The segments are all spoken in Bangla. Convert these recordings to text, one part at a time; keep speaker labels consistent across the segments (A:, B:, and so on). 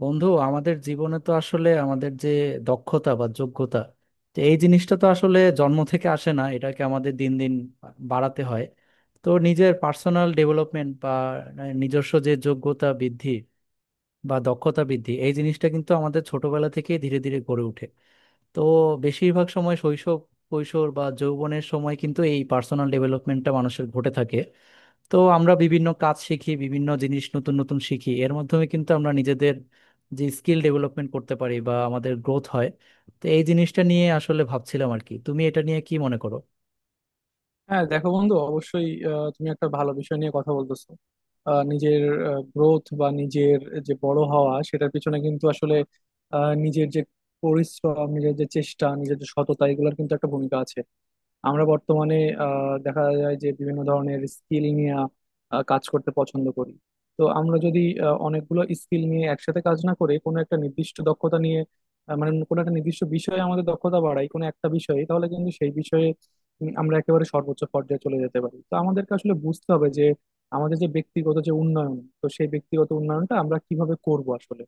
A: বন্ধু আমাদের জীবনে তো আসলে আমাদের যে দক্ষতা বা যোগ্যতা, তো এই জিনিসটা তো আসলে জন্ম থেকে আসে না, এটাকে আমাদের দিন দিন বাড়াতে হয়। তো নিজের পার্সোনাল ডেভেলপমেন্ট বা নিজস্ব যে যোগ্যতা বৃদ্ধি বা দক্ষতা বৃদ্ধি, এই জিনিসটা কিন্তু আমাদের ছোটবেলা থেকেই ধীরে ধীরে গড়ে ওঠে। তো বেশিরভাগ সময় শৈশব, কৈশোর বা যৌবনের সময় কিন্তু এই পার্সোনাল ডেভেলপমেন্টটা মানুষের ঘটে থাকে। তো আমরা বিভিন্ন কাজ শিখি, বিভিন্ন জিনিস নতুন নতুন শিখি, এর মাধ্যমে কিন্তু আমরা নিজেদের যে স্কিল ডেভেলপমেন্ট করতে পারি বা আমাদের গ্রোথ হয়। তো এই জিনিসটা নিয়ে আসলে ভাবছিলাম আর কি, তুমি এটা নিয়ে কি মনে করো?
B: হ্যাঁ দেখো বন্ধু অবশ্যই তুমি একটা ভালো বিষয় নিয়ে কথা বলতেছো। নিজের গ্রোথ বা নিজের যে বড় হওয়া সেটার পিছনে কিন্তু আসলে নিজের যে পরিশ্রম নিজের যে চেষ্টা নিজের যে সততা এগুলোর কিন্তু একটা ভূমিকা আছে। আমরা বর্তমানে দেখা যায় যে বিভিন্ন ধরনের স্কিল নিয়ে কাজ করতে পছন্দ করি। তো আমরা যদি অনেকগুলো স্কিল নিয়ে একসাথে কাজ না করে কোনো একটা নির্দিষ্ট দক্ষতা নিয়ে, মানে কোনো একটা নির্দিষ্ট বিষয়ে আমাদের দক্ষতা বাড়াই কোনো একটা বিষয়ে, তাহলে কিন্তু সেই বিষয়ে আমরা একেবারে সর্বোচ্চ পর্যায়ে চলে যেতে পারি। তো আমাদেরকে আসলে বুঝতে হবে যে আমাদের যে ব্যক্তিগত যে উন্নয়ন, তো সেই ব্যক্তিগত উন্নয়নটা আমরা কিভাবে করব আসলে।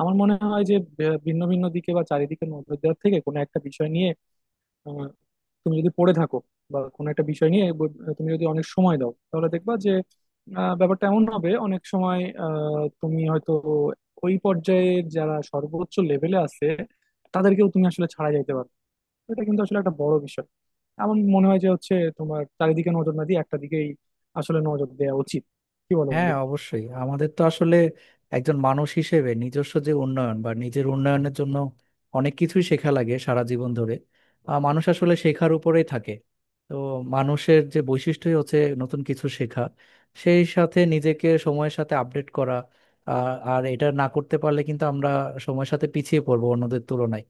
B: আমার মনে হয় যে ভিন্ন ভিন্ন দিকে বা চারিদিকের নজর দেওয়ার থেকে কোনো একটা বিষয় নিয়ে আহ, তুমি যদি পড়ে থাকো বা কোনো একটা বিষয় নিয়ে তুমি যদি অনেক সময় দাও তাহলে দেখবা যে ব্যাপারটা এমন হবে অনেক সময় তুমি হয়তো ওই পর্যায়ের যারা সর্বোচ্চ লেভেলে আছে তাদেরকেও তুমি আসলে ছাড়া যাইতে পারো। এটা কিন্তু আসলে একটা বড় বিষয়। আমার মনে হয় যে হচ্ছে তোমার চারিদিকে নজর না দিয়ে একটা দিকেই আসলে নজর দেওয়া উচিত। কি বলো
A: হ্যাঁ,
B: বন্ধু?
A: অবশ্যই আমাদের তো আসলে একজন মানুষ হিসেবে নিজস্ব যে উন্নয়ন বা নিজের উন্নয়নের জন্য অনেক কিছুই শেখা লাগে সারা জীবন ধরে। মানুষ আসলে শেখার উপরেই থাকে। তো মানুষের যে বৈশিষ্ট্যই হচ্ছে নতুন কিছু শেখা, সেই সাথে নিজেকে সময়ের সাথে আপডেট করা। আর আর এটা না করতে পারলে কিন্তু আমরা সময়ের সাথে পিছিয়ে পড়বো অন্যদের তুলনায়।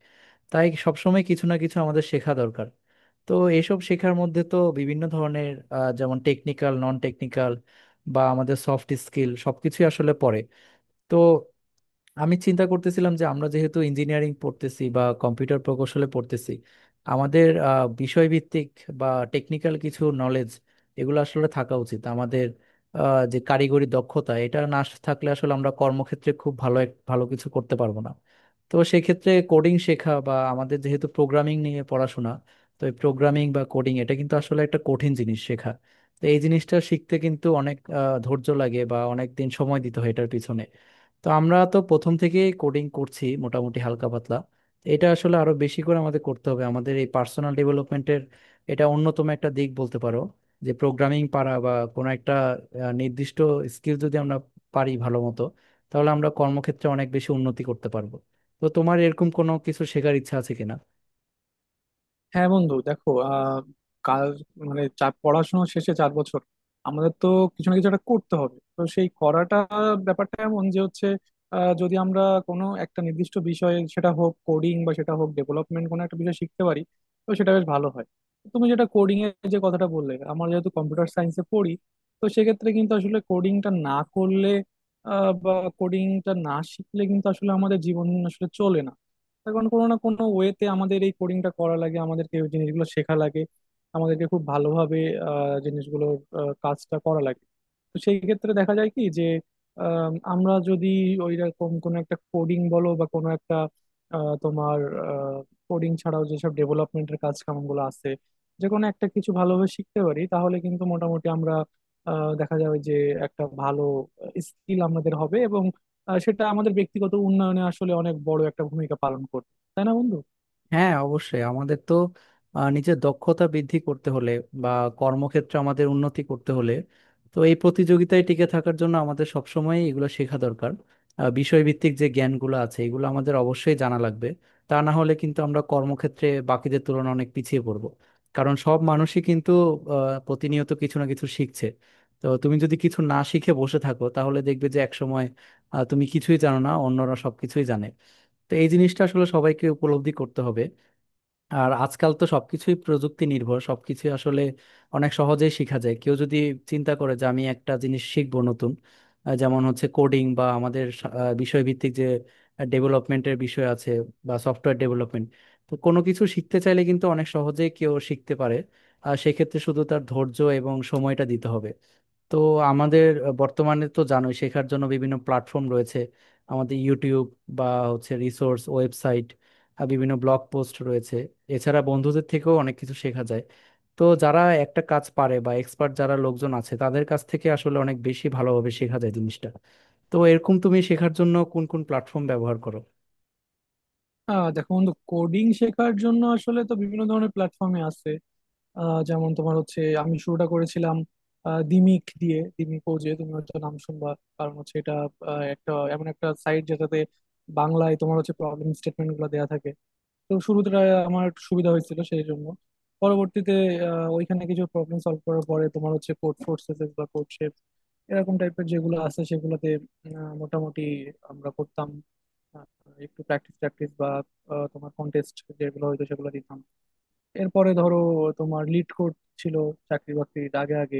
A: তাই সবসময় কিছু না কিছু আমাদের শেখা দরকার। তো এইসব শেখার মধ্যে তো বিভিন্ন ধরনের যেমন টেকনিক্যাল, নন টেকনিক্যাল বা আমাদের সফট স্কিল সবকিছুই আসলে পড়ে। তো আমি চিন্তা করতেছিলাম যে আমরা যেহেতু ইঞ্জিনিয়ারিং পড়তেছি বা কম্পিউটার প্রকৌশলে পড়তেছি, আমাদের বিষয়ভিত্তিক বা টেকনিক্যাল কিছু নলেজ, এগুলো আসলে থাকা উচিত আমাদের। যে কারিগরি দক্ষতা, এটা না থাকলে আসলে আমরা কর্মক্ষেত্রে খুব ভালো ভালো কিছু করতে পারবো না। তো সেক্ষেত্রে কোডিং শেখা, বা আমাদের যেহেতু প্রোগ্রামিং নিয়ে পড়াশোনা, তো এই প্রোগ্রামিং বা কোডিং এটা কিন্তু আসলে একটা কঠিন জিনিস শেখা। তো এই জিনিসটা শিখতে কিন্তু অনেক ধৈর্য লাগে বা অনেক দিন সময় দিতে হয় এটার পিছনে। তো আমরা তো প্রথম থেকে কোডিং করছি মোটামুটি হালকা পাতলা, তো এটা আসলে আরো বেশি করে আমাদের করতে হবে। আমাদের এই পার্সোনাল ডেভেলপমেন্টের এটা অন্যতম একটা দিক বলতে পারো, যে প্রোগ্রামিং পারা বা কোনো একটা নির্দিষ্ট স্কিল যদি আমরা পারি ভালো মতো, তাহলে আমরা কর্মক্ষেত্রে অনেক বেশি উন্নতি করতে পারবো। তো তোমার এরকম কোনো কিছু শেখার ইচ্ছা আছে কিনা?
B: হ্যাঁ বন্ধু দেখো আহ, কাল মানে পড়াশোনা শেষে 4 বছর আমাদের তো কিছু না কিছু একটা করতে হবে। তো সেই করাটা, ব্যাপারটা এমন যে হচ্ছে যদি আমরা কোনো একটা নির্দিষ্ট বিষয়ে, সেটা হোক কোডিং বা সেটা হোক ডেভেলপমেন্ট, কোনো একটা বিষয় শিখতে পারি তো সেটা বেশ ভালো হয়। তুমি যেটা কোডিং এর যে কথাটা বললে, আমরা যেহেতু কম্পিউটার সায়েন্সে পড়ি তো সেক্ষেত্রে কিন্তু আসলে কোডিংটা না করলে বা কোডিংটা না শিখলে কিন্তু আসলে আমাদের জীবন আসলে চলে না। এখন কোনো না কোনো ওয়েতে আমাদের এই কোডিংটা করা লাগে, আমাদেরকে এই জিনিসগুলো শেখা লাগে। আমাদেরকে খুব ভালোভাবে জিনিসগুলোর কাজটা করা লাগে। তো সেই ক্ষেত্রে দেখা যায় কি যে আমরা যদি ওই রকম কোনো একটা কোডিং বলো বা কোনো একটা তোমার কোডিং ছাড়াও যেসব ডেভেলপমেন্টের কাজ কামগুলো আছে, যে কোনো একটা কিছু ভালোভাবে শিখতে পারি তাহলে কিন্তু মোটামুটি আমরা দেখা যাবে যে একটা ভালো স্কিল আমাদের হবে, এবং সেটা আমাদের ব্যক্তিগত উন্নয়নে আসলে অনেক বড় একটা ভূমিকা পালন করবে। তাই না বন্ধু?
A: হ্যাঁ, অবশ্যই আমাদের তো নিজের দক্ষতা বৃদ্ধি করতে হলে বা কর্মক্ষেত্রে আমাদের উন্নতি করতে হলে, তো এই প্রতিযোগিতায় টিকে থাকার জন্য আমাদের সবসময় এগুলো শেখা দরকার। বিষয়ভিত্তিক যে জ্ঞানগুলো আছে, এগুলো আমাদের অবশ্যই জানা লাগবে। তা না হলে কিন্তু আমরা কর্মক্ষেত্রে বাকিদের তুলনায় অনেক পিছিয়ে পড়বো। কারণ সব মানুষই কিন্তু আহ, প্রতিনিয়ত কিছু না কিছু শিখছে। তো তুমি যদি কিছু না শিখে বসে থাকো, তাহলে দেখবে যে একসময় তুমি কিছুই জানো না, অন্যরা সবকিছুই জানে। তো এই জিনিসটা আসলে সবাইকে উপলব্ধি করতে হবে। আর আজকাল তো সবকিছুই প্রযুক্তি নির্ভর, সবকিছুই আসলে অনেক সহজেই শেখা যায়। কেউ যদি চিন্তা করে যে আমি একটা জিনিস শিখবো নতুন, যেমন হচ্ছে কোডিং বা আমাদের বিষয়ভিত্তিক যে ডেভেলপমেন্টের বিষয় আছে বা সফটওয়্যার ডেভেলপমেন্ট, তো কোনো কিছু শিখতে চাইলে কিন্তু অনেক সহজেই কেউ শিখতে পারে। আর সেক্ষেত্রে শুধু তার ধৈর্য এবং সময়টা দিতে হবে। তো আমাদের বর্তমানে তো জানোই শেখার জন্য বিভিন্ন প্ল্যাটফর্ম রয়েছে। আমাদের ইউটিউব বা হচ্ছে রিসোর্স ওয়েবসাইট, আর বিভিন্ন ব্লগ পোস্ট রয়েছে। এছাড়া বন্ধুদের থেকেও অনেক কিছু শেখা যায়। তো যারা একটা কাজ পারে বা এক্সপার্ট যারা লোকজন আছে, তাদের কাছ থেকে আসলে অনেক বেশি ভালোভাবে শেখা যায় জিনিসটা। তো এরকম তুমি শেখার জন্য কোন কোন প্ল্যাটফর্ম ব্যবহার করো?
B: আহ, দেখো বন্ধু কোডিং শেখার জন্য আসলে তো বিভিন্ন ধরনের প্ল্যাটফর্মে আছে। যেমন তোমার হচ্ছে আমি শুরুটা করেছিলাম দিমিক দিয়ে। দিমিক ওজে তুমি হয়তো নাম শুনবা, কারণ হচ্ছে এটা একটা এমন একটা সাইট যেটাতে বাংলায় তোমার হচ্ছে প্রবলেম স্টেটমেন্ট গুলো দেওয়া থাকে। তো শুরুতে আমার একটু সুবিধা হয়েছিল সেই জন্য। পরবর্তীতে ওইখানে কিছু প্রবলেম সলভ করার পরে তোমার হচ্ছে কোড ফোর্সেস বা কোড শেপ এরকম টাইপের যেগুলো আছে সেগুলোতে মোটামুটি আমরা করতাম, আহ, একটু প্র্যাকটিস প্র্যাকটিস বা তোমার কন্টেস্ট যেগুলো হয়তো সেগুলো দিতাম। এরপরে ধরো তোমার লিড কোড ছিল চাকরি বাকরির আগে আগে।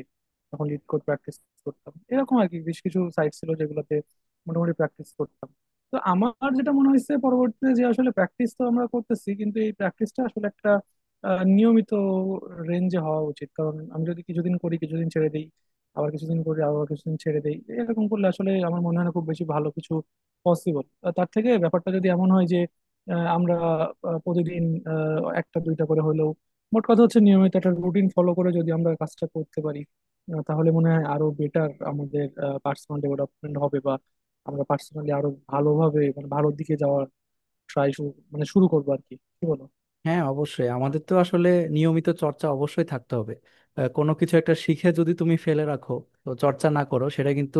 B: তখন লিড কোড প্র্যাকটিস করতাম, এরকম আর কি বেশ কিছু সাইট ছিল যেগুলোতে মোটামুটি প্র্যাকটিস করতাম। তো আমার যেটা মনে হয়েছে পরবর্তীতে যে আসলে প্র্যাকটিস তো আমরা করতেছি কিন্তু এই প্র্যাকটিসটা আসলে একটা নিয়মিত রেঞ্জে হওয়া উচিত, কারণ আমি যদি কিছুদিন করি কিছুদিন ছেড়ে দিই, আবার কিছুদিন করি আবার কিছুদিন ছেড়ে দিই, এরকম করলে আসলে আমার মনে হয় না খুব বেশি ভালো কিছু পসিবল। তার থেকে ব্যাপারটা যদি এমন হয় যে আমরা প্রতিদিন একটা দুইটা করে হলেও, মোট কথা হচ্ছে নিয়মিত একটা রুটিন ফলো করে যদি আমরা কাজটা করতে পারি তাহলে মনে হয় আরো বেটার আমাদের পার্সোনাল ডেভেলপমেন্ট হবে, বা আমরা পার্সোনালি আরো ভালোভাবে মানে ভালোর দিকে যাওয়ার ট্রাই শুরু, মানে শুরু করবো আর কি। কি বলো?
A: হ্যাঁ, অবশ্যই আমাদের তো আসলে নিয়মিত চর্চা অবশ্যই থাকতে হবে। কোনো কিছু একটা শিখে যদি তুমি ফেলে রাখো, তো চর্চা না করো, সেটা কিন্তু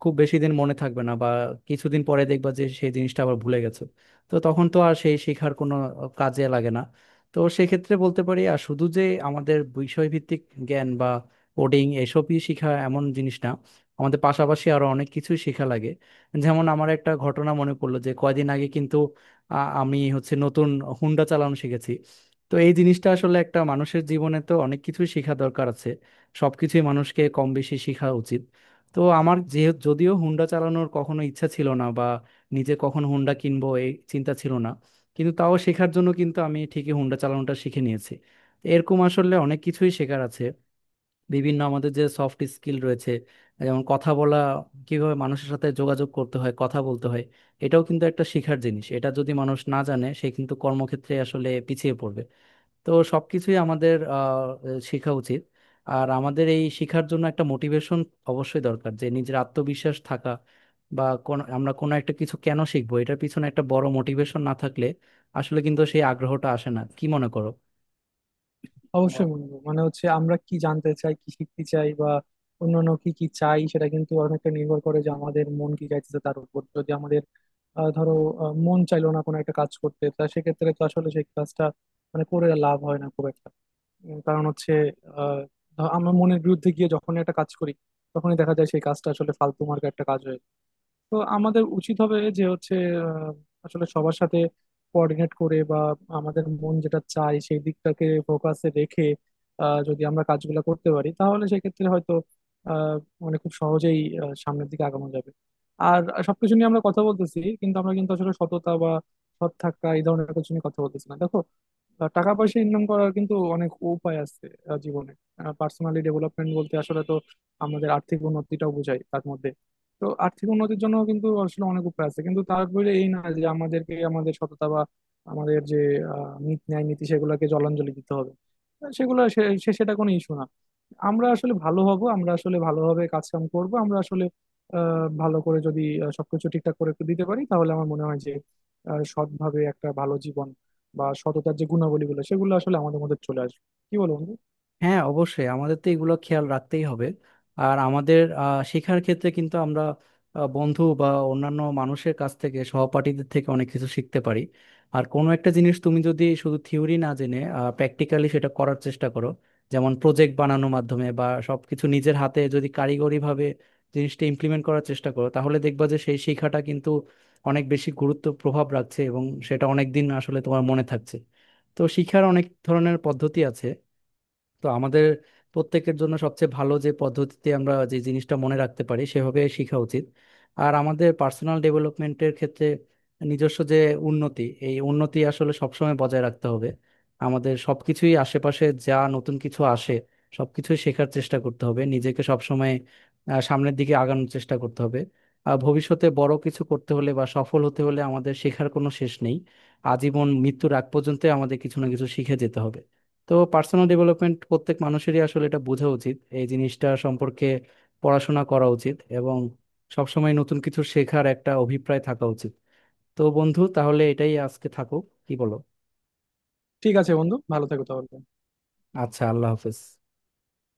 A: খুব বেশি দিন মনে থাকবে না, বা কিছুদিন পরে দেখবা যে সেই জিনিসটা আবার ভুলে গেছো। তো তখন তো আর সেই শেখার কোনো কাজে লাগে না। তো সেক্ষেত্রে বলতে পারি আর শুধু যে আমাদের বিষয়ভিত্তিক জ্ঞান বা কোডিং, এসবই শেখা এমন জিনিস না, আমাদের পাশাপাশি আরো অনেক কিছুই শেখা লাগে। যেমন আমার একটা ঘটনা মনে পড়লো, যে কয়দিন আগে কিন্তু আমি হচ্ছে নতুন হুন্ডা চালানো শিখেছি। তো এই জিনিসটা আসলে একটা মানুষের জীবনে তো অনেক কিছুই শেখা দরকার আছে, সব কিছুই মানুষকে কম বেশি শেখা উচিত। তো আমার যে যদিও হুন্ডা চালানোর কখনো ইচ্ছা ছিল না, বা নিজে কখন হুন্ডা কিনবো এই চিন্তা ছিল না, কিন্তু তাও শেখার জন্য কিন্তু আমি ঠিকই হুন্ডা চালানোটা শিখে নিয়েছি। এরকম আসলে অনেক কিছুই শেখার আছে। বিভিন্ন আমাদের যে সফট স্কিল রয়েছে, যেমন কথা বলা, কিভাবে মানুষের সাথে যোগাযোগ করতে হয়, কথা বলতে হয়, এটাও কিন্তু একটা শেখার জিনিস। এটা যদি মানুষ না জানে, সে কিন্তু কর্মক্ষেত্রে আসলে পিছিয়ে পড়বে। তো সবকিছুই আমাদের শেখা উচিত। আর আমাদের এই শেখার জন্য একটা মোটিভেশন অবশ্যই দরকার, যে নিজের আত্মবিশ্বাস থাকা, বা কোন আমরা কোনো একটা কিছু কেন শিখবো, এটার পিছনে একটা বড় মোটিভেশন না থাকলে আসলে কিন্তু সেই আগ্রহটা আসে না। কি মনে করো?
B: অবশ্যই বন্ধু, মানে হচ্ছে আমরা কি জানতে চাই কি শিখতে চাই বা অন্যান্য কি কি চাই সেটা কিন্তু অনেকটা নির্ভর করে যে আমাদের মন কি চাইতেছে তার উপর। যদি আমাদের ধরো মন চাইলো না কোনো একটা কাজ করতে, তা সেক্ষেত্রে তো আসলে সেই কাজটা মানে করে লাভ হয় না খুব একটা। কারণ হচ্ছে আহ আমরা মনের বিরুদ্ধে গিয়ে যখন একটা কাজ করি, তখনই দেখা যায় সেই কাজটা আসলে ফালতু মার্কা একটা কাজ হয়ে গেল। তো আমাদের উচিত হবে যে হচ্ছে আহ, আসলে সবার সাথে কোঅর্ডিনেট করে বা আমাদের মন যেটা চায় সেই দিকটাকে ফোকাসে রেখে যদি আমরা কাজগুলো করতে পারি তাহলে সেক্ষেত্রে হয়তো আহ, মানে খুব সহজেই সামনের দিকে আগানো যাবে। আর সবকিছু নিয়ে আমরা কথা বলতেছি কিন্তু আমরা কিন্তু আসলে সততা বা সৎ থাকা এই ধরনের কিছু নিয়ে কথা বলতেছি না, দেখো আহ, টাকা পয়সা ইনকাম করার কিন্তু অনেক উপায় আছে আহ, জীবনে। পার্সোনালি ডেভেলপমেন্ট বলতে আসলে তো আমাদের আর্থিক উন্নতিটাও বোঝায় তার মধ্যে। তো আর্থিক উন্নতির জন্য কিন্তু আসলে অনেক উপায় আছে, কিন্তু তারপরে এই না যে আমাদেরকে আমাদের সততা বা আমাদের যে নীতি ন্যায় নীতি সেগুলোকে জলাঞ্জলি দিতে হবে। সেগুলো সে সে- সেটা কোনো ইস্যু না। আমরা আসলে ভালো হব, আমরা আসলে ভালোভাবে কাজ কাম করবো, আমরা আসলে ভালো করে যদি সবকিছু ঠিকঠাক করে একটু দিতে পারি তাহলে আমার মনে হয় যে সৎভাবে একটা ভালো জীবন বা সততার যে গুণাবলীগুলো সেগুলো আসলে আমাদের মধ্যে চলে আসবে। কি বলো বন্ধু?
A: হ্যাঁ, অবশ্যই আমাদের তো এগুলো খেয়াল রাখতেই হবে। আর আমাদের শেখার ক্ষেত্রে কিন্তু আমরা বন্ধু বা অন্যান্য মানুষের কাছ থেকে, সহপাঠীদের থেকে অনেক কিছু শিখতে পারি। আর কোনো একটা জিনিস তুমি যদি শুধু থিওরি না জেনে প্র্যাকটিক্যালি সেটা করার চেষ্টা করো, যেমন প্রজেক্ট বানানোর মাধ্যমে, বা সবকিছু নিজের হাতে যদি কারিগরিভাবে জিনিসটা ইমপ্লিমেন্ট করার চেষ্টা করো, তাহলে দেখবা যে সেই শিক্ষাটা কিন্তু অনেক বেশি গুরুত্ব প্রভাব রাখছে, এবং সেটা অনেক দিন আসলে তোমার মনে থাকছে। তো শিক্ষার অনেক ধরনের পদ্ধতি আছে। তো আমাদের প্রত্যেকের জন্য সবচেয়ে ভালো যে পদ্ধতিতে আমরা যে জিনিসটা মনে রাখতে পারি, সেভাবে শেখা উচিত। আর আমাদের পার্সোনাল ডেভেলপমেন্টের ক্ষেত্রে নিজস্ব যে উন্নতি, এই উন্নতি আসলে সবসময় বজায় রাখতে হবে। আমাদের সবকিছুই, আশেপাশে যা নতুন কিছু আসে সবকিছুই শেখার চেষ্টা করতে হবে, নিজেকে সবসময় সামনের দিকে আগানোর চেষ্টা করতে হবে। আর ভবিষ্যতে বড় কিছু করতে হলে বা সফল হতে হলে আমাদের শেখার কোনো শেষ নেই। আজীবন মৃত্যুর আগ পর্যন্ত আমাদের কিছু না কিছু শিখে যেতে হবে। তো পার্সোনাল ডেভেলপমেন্ট প্রত্যেক মানুষেরই আসলে এটা বোঝা উচিত, এই জিনিসটা সম্পর্কে পড়াশোনা করা উচিত, এবং সবসময় নতুন কিছু শেখার একটা অভিপ্রায় থাকা উচিত। তো বন্ধু, তাহলে এটাই আজকে থাকুক, কি বলো?
B: ঠিক আছে বন্ধু, ভালো থেকো তাহলে।
A: আচ্ছা, আল্লাহ হাফেজ।